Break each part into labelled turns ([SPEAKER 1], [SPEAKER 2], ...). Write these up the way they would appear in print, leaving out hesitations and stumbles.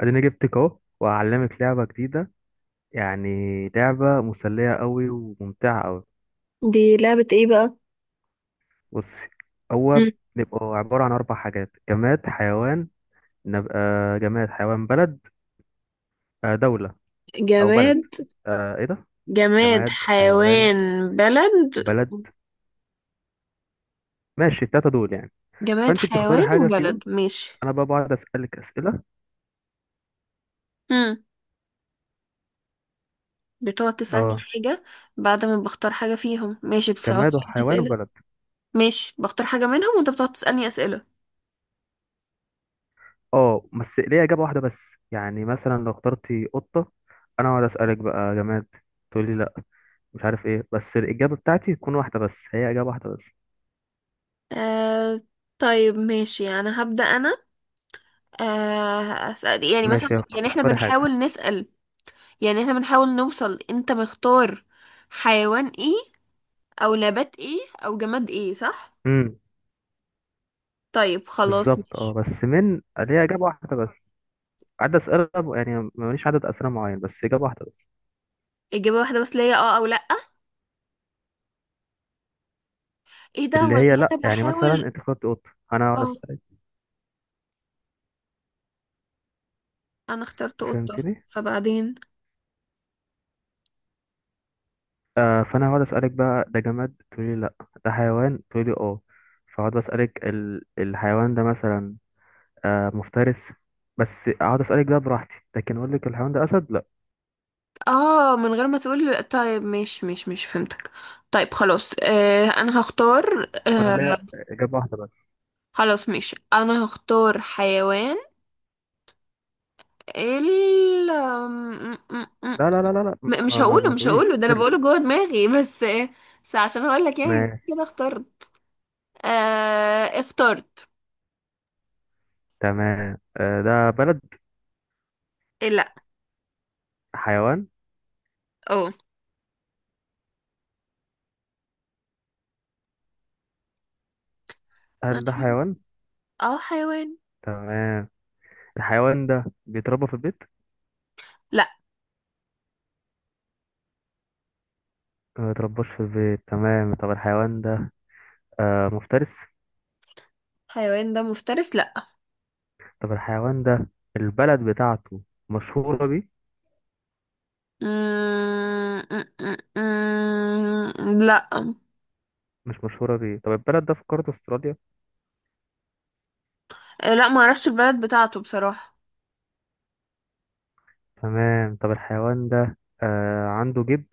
[SPEAKER 1] اديني جبتك اهو وهعلمك لعبة جديدة، يعني لعبة مسلية قوي وممتعة قوي.
[SPEAKER 2] دي لعبة ايه بقى؟
[SPEAKER 1] بصي، هو
[SPEAKER 2] مم.
[SPEAKER 1] بيبقى عبارة عن اربع حاجات. جماد، حيوان، نبقى جماد، حيوان، بلد. دولة او بلد.
[SPEAKER 2] جماد
[SPEAKER 1] ايه ده.
[SPEAKER 2] جماد
[SPEAKER 1] جماد، حيوان،
[SPEAKER 2] حيوان بلد.
[SPEAKER 1] بلد. ماشي، التلاتة دول يعني.
[SPEAKER 2] جماد
[SPEAKER 1] فانت بتختاري
[SPEAKER 2] حيوان
[SPEAKER 1] حاجة
[SPEAKER 2] وبلد،
[SPEAKER 1] فيهم.
[SPEAKER 2] ماشي.
[SPEAKER 1] انا بقى بقعد اسألك اسئلة.
[SPEAKER 2] مم. بتقعد تسألني
[SPEAKER 1] اه.
[SPEAKER 2] حاجة. بعد ما بختار حاجة فيهم ماشي، بتقعد
[SPEAKER 1] جماد
[SPEAKER 2] تسألني
[SPEAKER 1] وحيوان
[SPEAKER 2] أسئلة.
[SPEAKER 1] وبلد.
[SPEAKER 2] ماشي، بختار حاجة منهم وانت بتقعد تسألني أسئلة.
[SPEAKER 1] اه، بس ليه اجابة واحدة بس. يعني مثلا لو اخترتي قطة، انا اقعد اسألك بقى جماد، تقولي مش عارف ايه، بس الإجابة بتاعتي تكون واحدة بس، هي إجابة واحدة بس.
[SPEAKER 2] آه... طيب ماشي، يعني هبدأ أنا. أسأل، يعني مثلا،
[SPEAKER 1] ماشي،
[SPEAKER 2] يعني احنا
[SPEAKER 1] اختاري حاجة.
[SPEAKER 2] بنحاول نسأل. يعني احنا بنحاول نوصل انت مختار حيوان ايه، أو نبات ايه، أو جماد ايه، صح؟
[SPEAKER 1] امم
[SPEAKER 2] طيب خلاص،
[SPEAKER 1] بالظبط، اه،
[SPEAKER 2] ماشي.
[SPEAKER 1] بس من ليها إجابة واحدة بس. عدد أسئلة، يعني ماليش عدد أسئلة معين، بس إجابة واحدة بس.
[SPEAKER 2] إجابة واحدة بس ليا، اه أو لأ؟ ايه ده
[SPEAKER 1] اللي
[SPEAKER 2] ولا؟
[SPEAKER 1] هي لأ،
[SPEAKER 2] أنا
[SPEAKER 1] يعني مثلا
[SPEAKER 2] بحاول.
[SPEAKER 1] أنت اخترت قطة، أنا
[SPEAKER 2] اه.
[SPEAKER 1] هقعد أسألك.
[SPEAKER 2] أنا اخترت قطة.
[SPEAKER 1] فهمتني؟
[SPEAKER 2] فبعدين.
[SPEAKER 1] آه، فأنا هقعد أسألك بقى ده جماد، تقولي لأ. ده حيوان، تقولي اه. فهقعد أسألك الحيوان ده مثلا مفترس، بس اقعد اسالك ده براحتي، لكن اقول لك الحيوان ده اسد لا.
[SPEAKER 2] اه، من غير ما تقول. طيب، مش فهمتك. طيب خلاص، أنا هختار.
[SPEAKER 1] وانا ليا اجابه واحده بس.
[SPEAKER 2] خلاص ماشي، أنا هختار حيوان ال م- م- م-
[SPEAKER 1] لا لا لا لا لا،
[SPEAKER 2] مش
[SPEAKER 1] ما ما,
[SPEAKER 2] هقوله
[SPEAKER 1] ما
[SPEAKER 2] مش
[SPEAKER 1] تقوليش
[SPEAKER 2] هقوله ده أنا
[SPEAKER 1] افترق.
[SPEAKER 2] بقوله جوه دماغي بس عشان أقول لك يعني
[SPEAKER 1] ماشي.
[SPEAKER 2] كده اخترت. اخترت.
[SPEAKER 1] تمام، ده بلد؟
[SPEAKER 2] إيه، لأ.
[SPEAKER 1] حيوان؟
[SPEAKER 2] اه، ما
[SPEAKER 1] هل ده
[SPEAKER 2] تشوف.
[SPEAKER 1] حيوان؟
[SPEAKER 2] اه، حيوان.
[SPEAKER 1] تمام. الحيوان ده بيتربى في البيت؟
[SPEAKER 2] لأ.
[SPEAKER 1] ما بيترباش في البيت. تمام. طب الحيوان ده مفترس؟
[SPEAKER 2] حيوان ده مفترس، لأ.
[SPEAKER 1] طب الحيوان ده البلد بتاعته مشهورة بيه؟
[SPEAKER 2] آه، آه، آه، آه، آه، آه، لا، آه.
[SPEAKER 1] مش مشهورة بيه. طب البلد ده في قارة استراليا؟
[SPEAKER 2] لا، ما اعرفش البلد بتاعته بصراحة.
[SPEAKER 1] تمام. طب الحيوان ده عنده جيب؟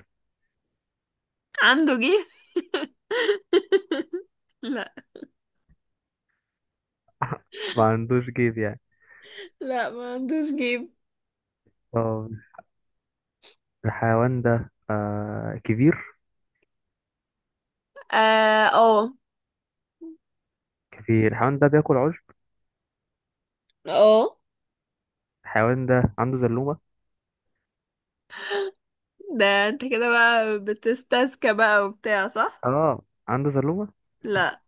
[SPEAKER 2] عنده جيب؟ لا.
[SPEAKER 1] ما عندوش جيب يعني.
[SPEAKER 2] لا، ما عندوش جيب.
[SPEAKER 1] طب الحيوان ده كبير؟
[SPEAKER 2] اه. اه.
[SPEAKER 1] كبير. الحيوان ده بياكل عشب؟
[SPEAKER 2] آه.
[SPEAKER 1] الحيوان ده عنده زلومة؟
[SPEAKER 2] ده انت كده بقى بتستذكى بقى وبتاع، صح.
[SPEAKER 1] اه، عنده زلومة.
[SPEAKER 2] لا.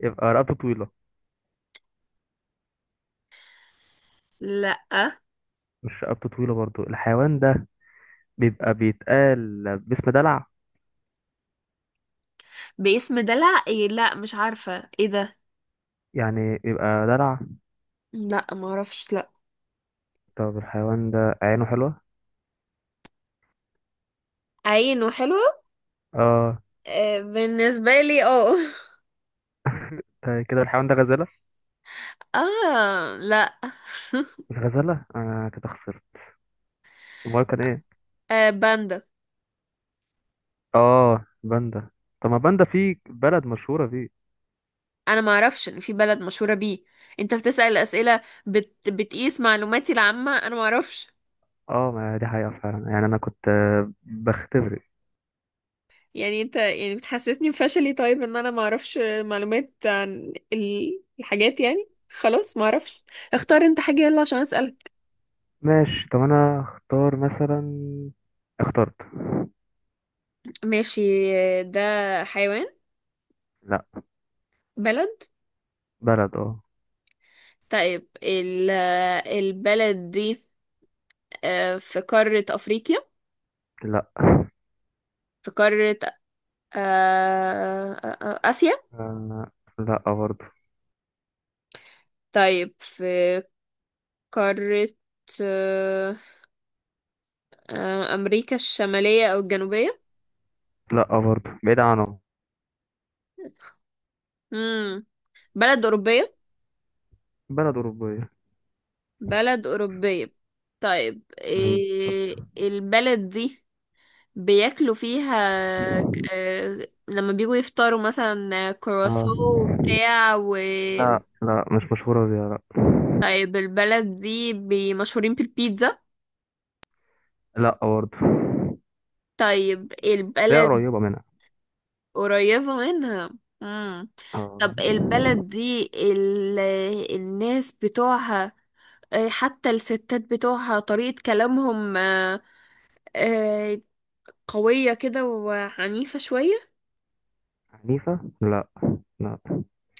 [SPEAKER 1] يبقى رقبته طويلة؟
[SPEAKER 2] لا.
[SPEAKER 1] مش رقبته طويلة برضو. الحيوان ده بيبقى بيتقال باسم دلع؟
[SPEAKER 2] باسم دلع ايه؟ لا، مش عارفة ايه ده.
[SPEAKER 1] يعني بيبقى دلع.
[SPEAKER 2] لا، ما اعرفش، لا.
[SPEAKER 1] طب الحيوان ده عينه حلوة؟
[SPEAKER 2] عين وحلوة؟
[SPEAKER 1] اه،
[SPEAKER 2] آه، بالنسبة لي، اه
[SPEAKER 1] ده كده الحيوان ده غزالة.
[SPEAKER 2] اه، لا.
[SPEAKER 1] الغزالة. انا كده خسرت. امال كان ايه؟
[SPEAKER 2] آه، باندا.
[SPEAKER 1] اه، باندا. طب ما باندا في بلد مشهورة بيه.
[SPEAKER 2] انا ما اعرفش ان في بلد مشهوره بيه. انت بتسأل اسئله، بتقيس معلوماتي العامه، انا ما اعرفش.
[SPEAKER 1] اه، ما دي حقيقة فعلا، يعني انا كنت بختبر.
[SPEAKER 2] يعني انت يعني بتحسسني بفشلي، طيب، ان انا ما اعرفش معلومات عن الحاجات، يعني خلاص، ما اعرفش. اختار انت حاجه، يلا عشان اسالك.
[SPEAKER 1] ماشي. طب انا اختار مثلا. اخترت.
[SPEAKER 2] ماشي. ده حيوان؟
[SPEAKER 1] لا.
[SPEAKER 2] بلد؟
[SPEAKER 1] بلد، اه.
[SPEAKER 2] طيب البلد دي في قاره افريقيا؟
[SPEAKER 1] لا.
[SPEAKER 2] في قاره اسيا؟
[SPEAKER 1] آه، لا برضو.
[SPEAKER 2] طيب في قاره أمريكا الشمالية أو الجنوبية؟
[SPEAKER 1] لا برضه، بعيد عنهم.
[SPEAKER 2] مم. بلد أوروبية؟
[SPEAKER 1] بلد أوروبية.
[SPEAKER 2] بلد أوروبية. طيب
[SPEAKER 1] مم. طب.
[SPEAKER 2] إيه البلد دي؟ بياكلوا فيها لما بيجوا يفطروا مثلا كرواسو
[SPEAKER 1] آه.
[SPEAKER 2] وبتاع
[SPEAKER 1] لا لا، مش مشهورة بيها لا.
[SPEAKER 2] طيب البلد دي مشهورين بالبيتزا؟
[SPEAKER 1] لا برضه،
[SPEAKER 2] طيب
[SPEAKER 1] بس هي
[SPEAKER 2] البلد
[SPEAKER 1] قريبة منها.
[SPEAKER 2] قريبة منها. مم. طب
[SPEAKER 1] آه.
[SPEAKER 2] البلد دي الناس بتوعها، آه، حتى الستات بتوعها طريقة كلامهم آه، قوية كده وعنيفة شوية.
[SPEAKER 1] عنيفة؟ لا. لا.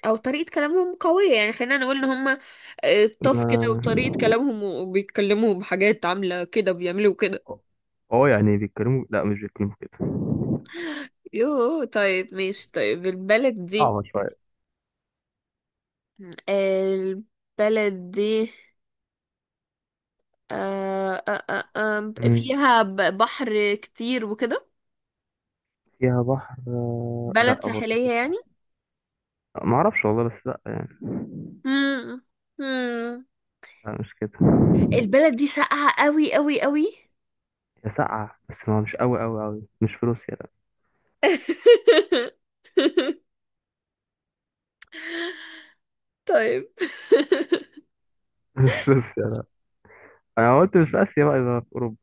[SPEAKER 2] أو طريقة كلامهم قوية، يعني خلينا نقول إن هما طف كده، وطريقة
[SPEAKER 1] ما
[SPEAKER 2] كلامهم، وبيتكلموا بحاجات عاملة كده بيعملوا كده.
[SPEAKER 1] اه يعني بيتكلموا، لا مش بيتكلموا كده.
[SPEAKER 2] يوه، طيب ماشي. طيب البلد دي،
[SPEAKER 1] صعبة شوية.
[SPEAKER 2] البلد دي
[SPEAKER 1] مم.
[SPEAKER 2] فيها بحر كتير وكده.
[SPEAKER 1] فيها بحر؟
[SPEAKER 2] بلد
[SPEAKER 1] لا برضه مفيهاش
[SPEAKER 2] ساحلية يعني.
[SPEAKER 1] بحر. ما اعرفش والله، بس لا يعني.
[SPEAKER 2] مم. مم.
[SPEAKER 1] لا مش كده.
[SPEAKER 2] البلد دي ساقعة قوي قوي قوي.
[SPEAKER 1] هي ساقعة، بس ما مش قوي قوي قوي. مش في روسيا لا.
[SPEAKER 2] طيب.
[SPEAKER 1] مش في روسيا لا. انا قلت مش في اسيا بقى، يبقى في اوروبا.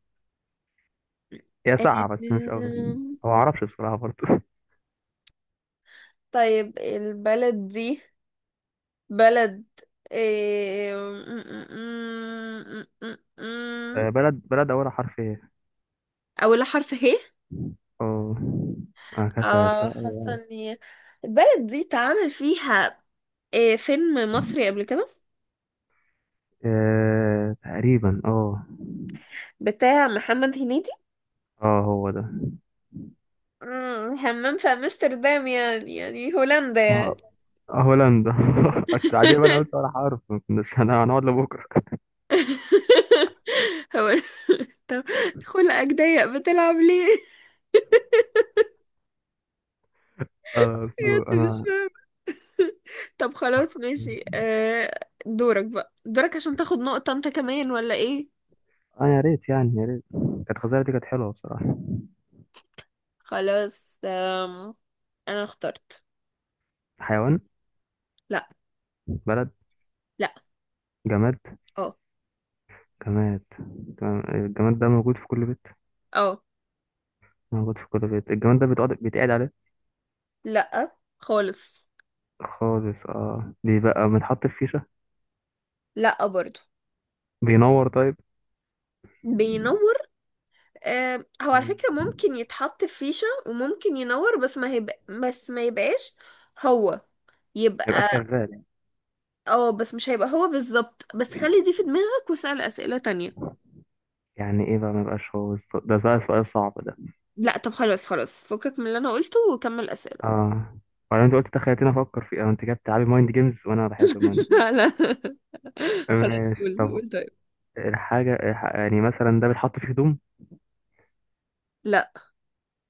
[SPEAKER 1] هي ساقعة بس مش قوي.
[SPEAKER 2] أم،
[SPEAKER 1] ما اعرفش بصراحة برضه.
[SPEAKER 2] طيب البلد دي، بلد إيه، م- م- م- م-
[SPEAKER 1] بلد اولها حرف ايه؟
[SPEAKER 2] أولها حرف ه.
[SPEAKER 1] اه. اه، كسل لا.
[SPEAKER 2] اه، حاسة ان البلد دي اتعمل فيها إيه، فيلم مصري قبل كده
[SPEAKER 1] تقريبا اه.
[SPEAKER 2] بتاع محمد هنيدي.
[SPEAKER 1] اه، هو ده.
[SPEAKER 2] مم، همام في امستردام، يعني هولندا
[SPEAKER 1] ما
[SPEAKER 2] يعني.
[SPEAKER 1] هولندا. بس عادي بقى، انا قلت ولا حرف، ما كناش هنقعد لبكره.
[SPEAKER 2] هو طب، خلقك ضيق بتلعب ليه؟
[SPEAKER 1] انا
[SPEAKER 2] بجد مش
[SPEAKER 1] انا
[SPEAKER 2] فاهمة. طب خلاص ماشي، دورك بقى، دورك عشان تاخد نقطة انت كمان، ولا ايه؟
[SPEAKER 1] اه يا ريت يعني يا ريت كانت الخزانه دي كانت حلوه بصراحه.
[SPEAKER 2] خلاص، انا اخترت.
[SPEAKER 1] حيوان؟
[SPEAKER 2] لا.
[SPEAKER 1] بلد؟
[SPEAKER 2] لا.
[SPEAKER 1] جماد؟
[SPEAKER 2] اه.
[SPEAKER 1] جماد. تمام. الجماد ده موجود في كل بيت؟
[SPEAKER 2] اه.
[SPEAKER 1] موجود في كل بيت. الجماد ده بيتقعد عليه؟
[SPEAKER 2] لا خالص.
[SPEAKER 1] خالص. اه، بيبقى بنحط في فيشة؟
[SPEAKER 2] لا برضو.
[SPEAKER 1] بينور؟ طيب.
[SPEAKER 2] بينور. آه، هو على
[SPEAKER 1] مم.
[SPEAKER 2] فكرة ممكن يتحط في فيشة وممكن ينور، بس ما يبقاش هو.
[SPEAKER 1] ميبقاش
[SPEAKER 2] يبقى.
[SPEAKER 1] شغال يعني.
[SPEAKER 2] اه، بس مش هيبقى هو بالظبط، بس خلي دي في دماغك واسأل أسئلة تانية.
[SPEAKER 1] يعني ايه بقى ميبقاش؟ هو ده بقى سؤال صعب ده.
[SPEAKER 2] لا، طب خلاص، خلاص فكك من اللي انا قلته وكمل أسئلة.
[SPEAKER 1] اه. وبعدين انت قلت تخيلتني افكر فيه. انت كده بتلعبي مايند جيمز وانا بحب المايند جيمز.
[SPEAKER 2] لا، لا. خلاص،
[SPEAKER 1] ماشي
[SPEAKER 2] قول
[SPEAKER 1] طب.
[SPEAKER 2] قول، طيب.
[SPEAKER 1] يعني مثلا ده بيتحط فيه هدوم؟
[SPEAKER 2] لا.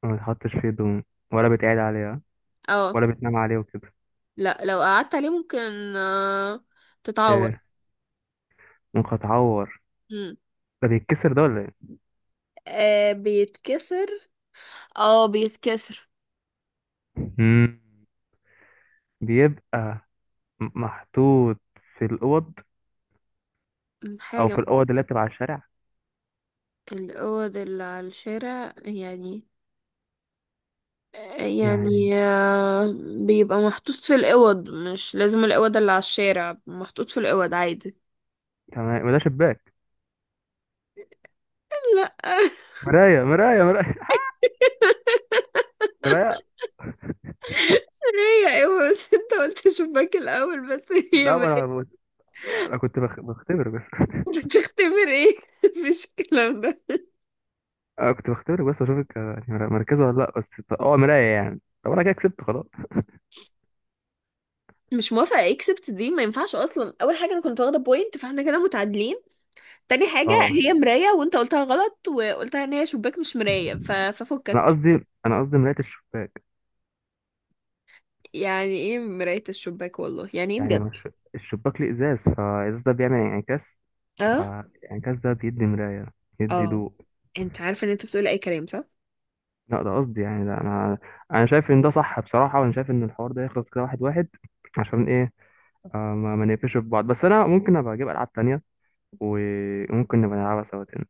[SPEAKER 1] ما بيتحطش فيه هدوم؟ ولا بيتقعد عليها؟
[SPEAKER 2] اه.
[SPEAKER 1] ولا بتنام عليه وكده؟
[SPEAKER 2] لا، لو قعدت عليه ممكن آه، تتعور.
[SPEAKER 1] ايه؟ ممكن اتعور؟
[SPEAKER 2] مم.
[SPEAKER 1] ده بيتكسر ده ولا ايه؟
[SPEAKER 2] آه، بيتكسر. اه، بيتكسر.
[SPEAKER 1] مم. بيبقى محطوط في الأوض. أو
[SPEAKER 2] حاجة
[SPEAKER 1] في
[SPEAKER 2] من
[SPEAKER 1] الأوض اللي بتبقى على الشارع
[SPEAKER 2] الأوض اللي على الشارع، يعني
[SPEAKER 1] يعني.
[SPEAKER 2] يعني بيبقى محطوط في الأوض، مش لازم الأوض اللي على الشارع، محطوط في الأوض عادي.
[SPEAKER 1] تمام. ما ده شباك.
[SPEAKER 2] لا
[SPEAKER 1] مراية مراية مراية. مراية.
[SPEAKER 2] هي ايوه، بس انت قلت شباك الأول، بس هي
[SPEAKER 1] لا، ما انا
[SPEAKER 2] مراية.
[SPEAKER 1] انا كنت بختبر بس.
[SPEAKER 2] بتختبر ايه؟ مفيش الكلام ده.
[SPEAKER 1] انا كنت بختبر بس اشوفك مركزه ولا لا بس. اه، مراية يعني. طب انا كده كسبت خلاص.
[SPEAKER 2] مش موافقة، اكسبت دي ما ينفعش اصلا. اول حاجة، انا كنت واخدة بوينت، فاحنا كده متعادلين. تاني حاجة،
[SPEAKER 1] اه،
[SPEAKER 2] هي مراية، وانت قلتها غلط وقلتها ان هي شباك مش مراية
[SPEAKER 1] انا
[SPEAKER 2] ففكك.
[SPEAKER 1] قصدي انا قصدي مراية الشباك،
[SPEAKER 2] يعني ايه مراية الشباك؟ والله يعني ايه
[SPEAKER 1] يعني
[SPEAKER 2] بجد؟
[SPEAKER 1] مش، الشباك ليه ازاز، فالازاز ده بيعمل انعكاس،
[SPEAKER 2] اه.
[SPEAKER 1] فالانعكاس ده بيدي مراية، يدي
[SPEAKER 2] اه.
[SPEAKER 1] ضوء.
[SPEAKER 2] انت عارفة ان انت بتقول اي كلام، صح.
[SPEAKER 1] لا ده قصدي يعني ده. انا شايف ان ده صح بصراحة، وانا شايف ان الحوار ده يخلص كده واحد واحد. عشان ايه؟ آه، ما نقفش في بعض، بس انا ممكن ابقى اجيب العاب تانية، وممكن نبقى نلعبها سوا تاني.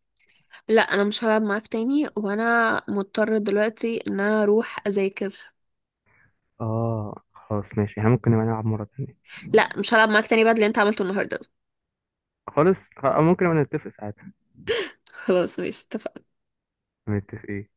[SPEAKER 2] لا، انا مش هلعب معاك تاني، وانا مضطر دلوقتي ان انا اروح اذاكر.
[SPEAKER 1] اه، خلاص ماشي، احنا ممكن نبقى نلعب مرة تانية.
[SPEAKER 2] لا، مش هلعب معاك تاني بعد اللي انت عملته النهاردة.
[SPEAKER 1] خالص، أو ممكن نبقى نتفق ساعتها.
[SPEAKER 2] خلاص ماشي، اتفقنا.
[SPEAKER 1] نتفق إيه؟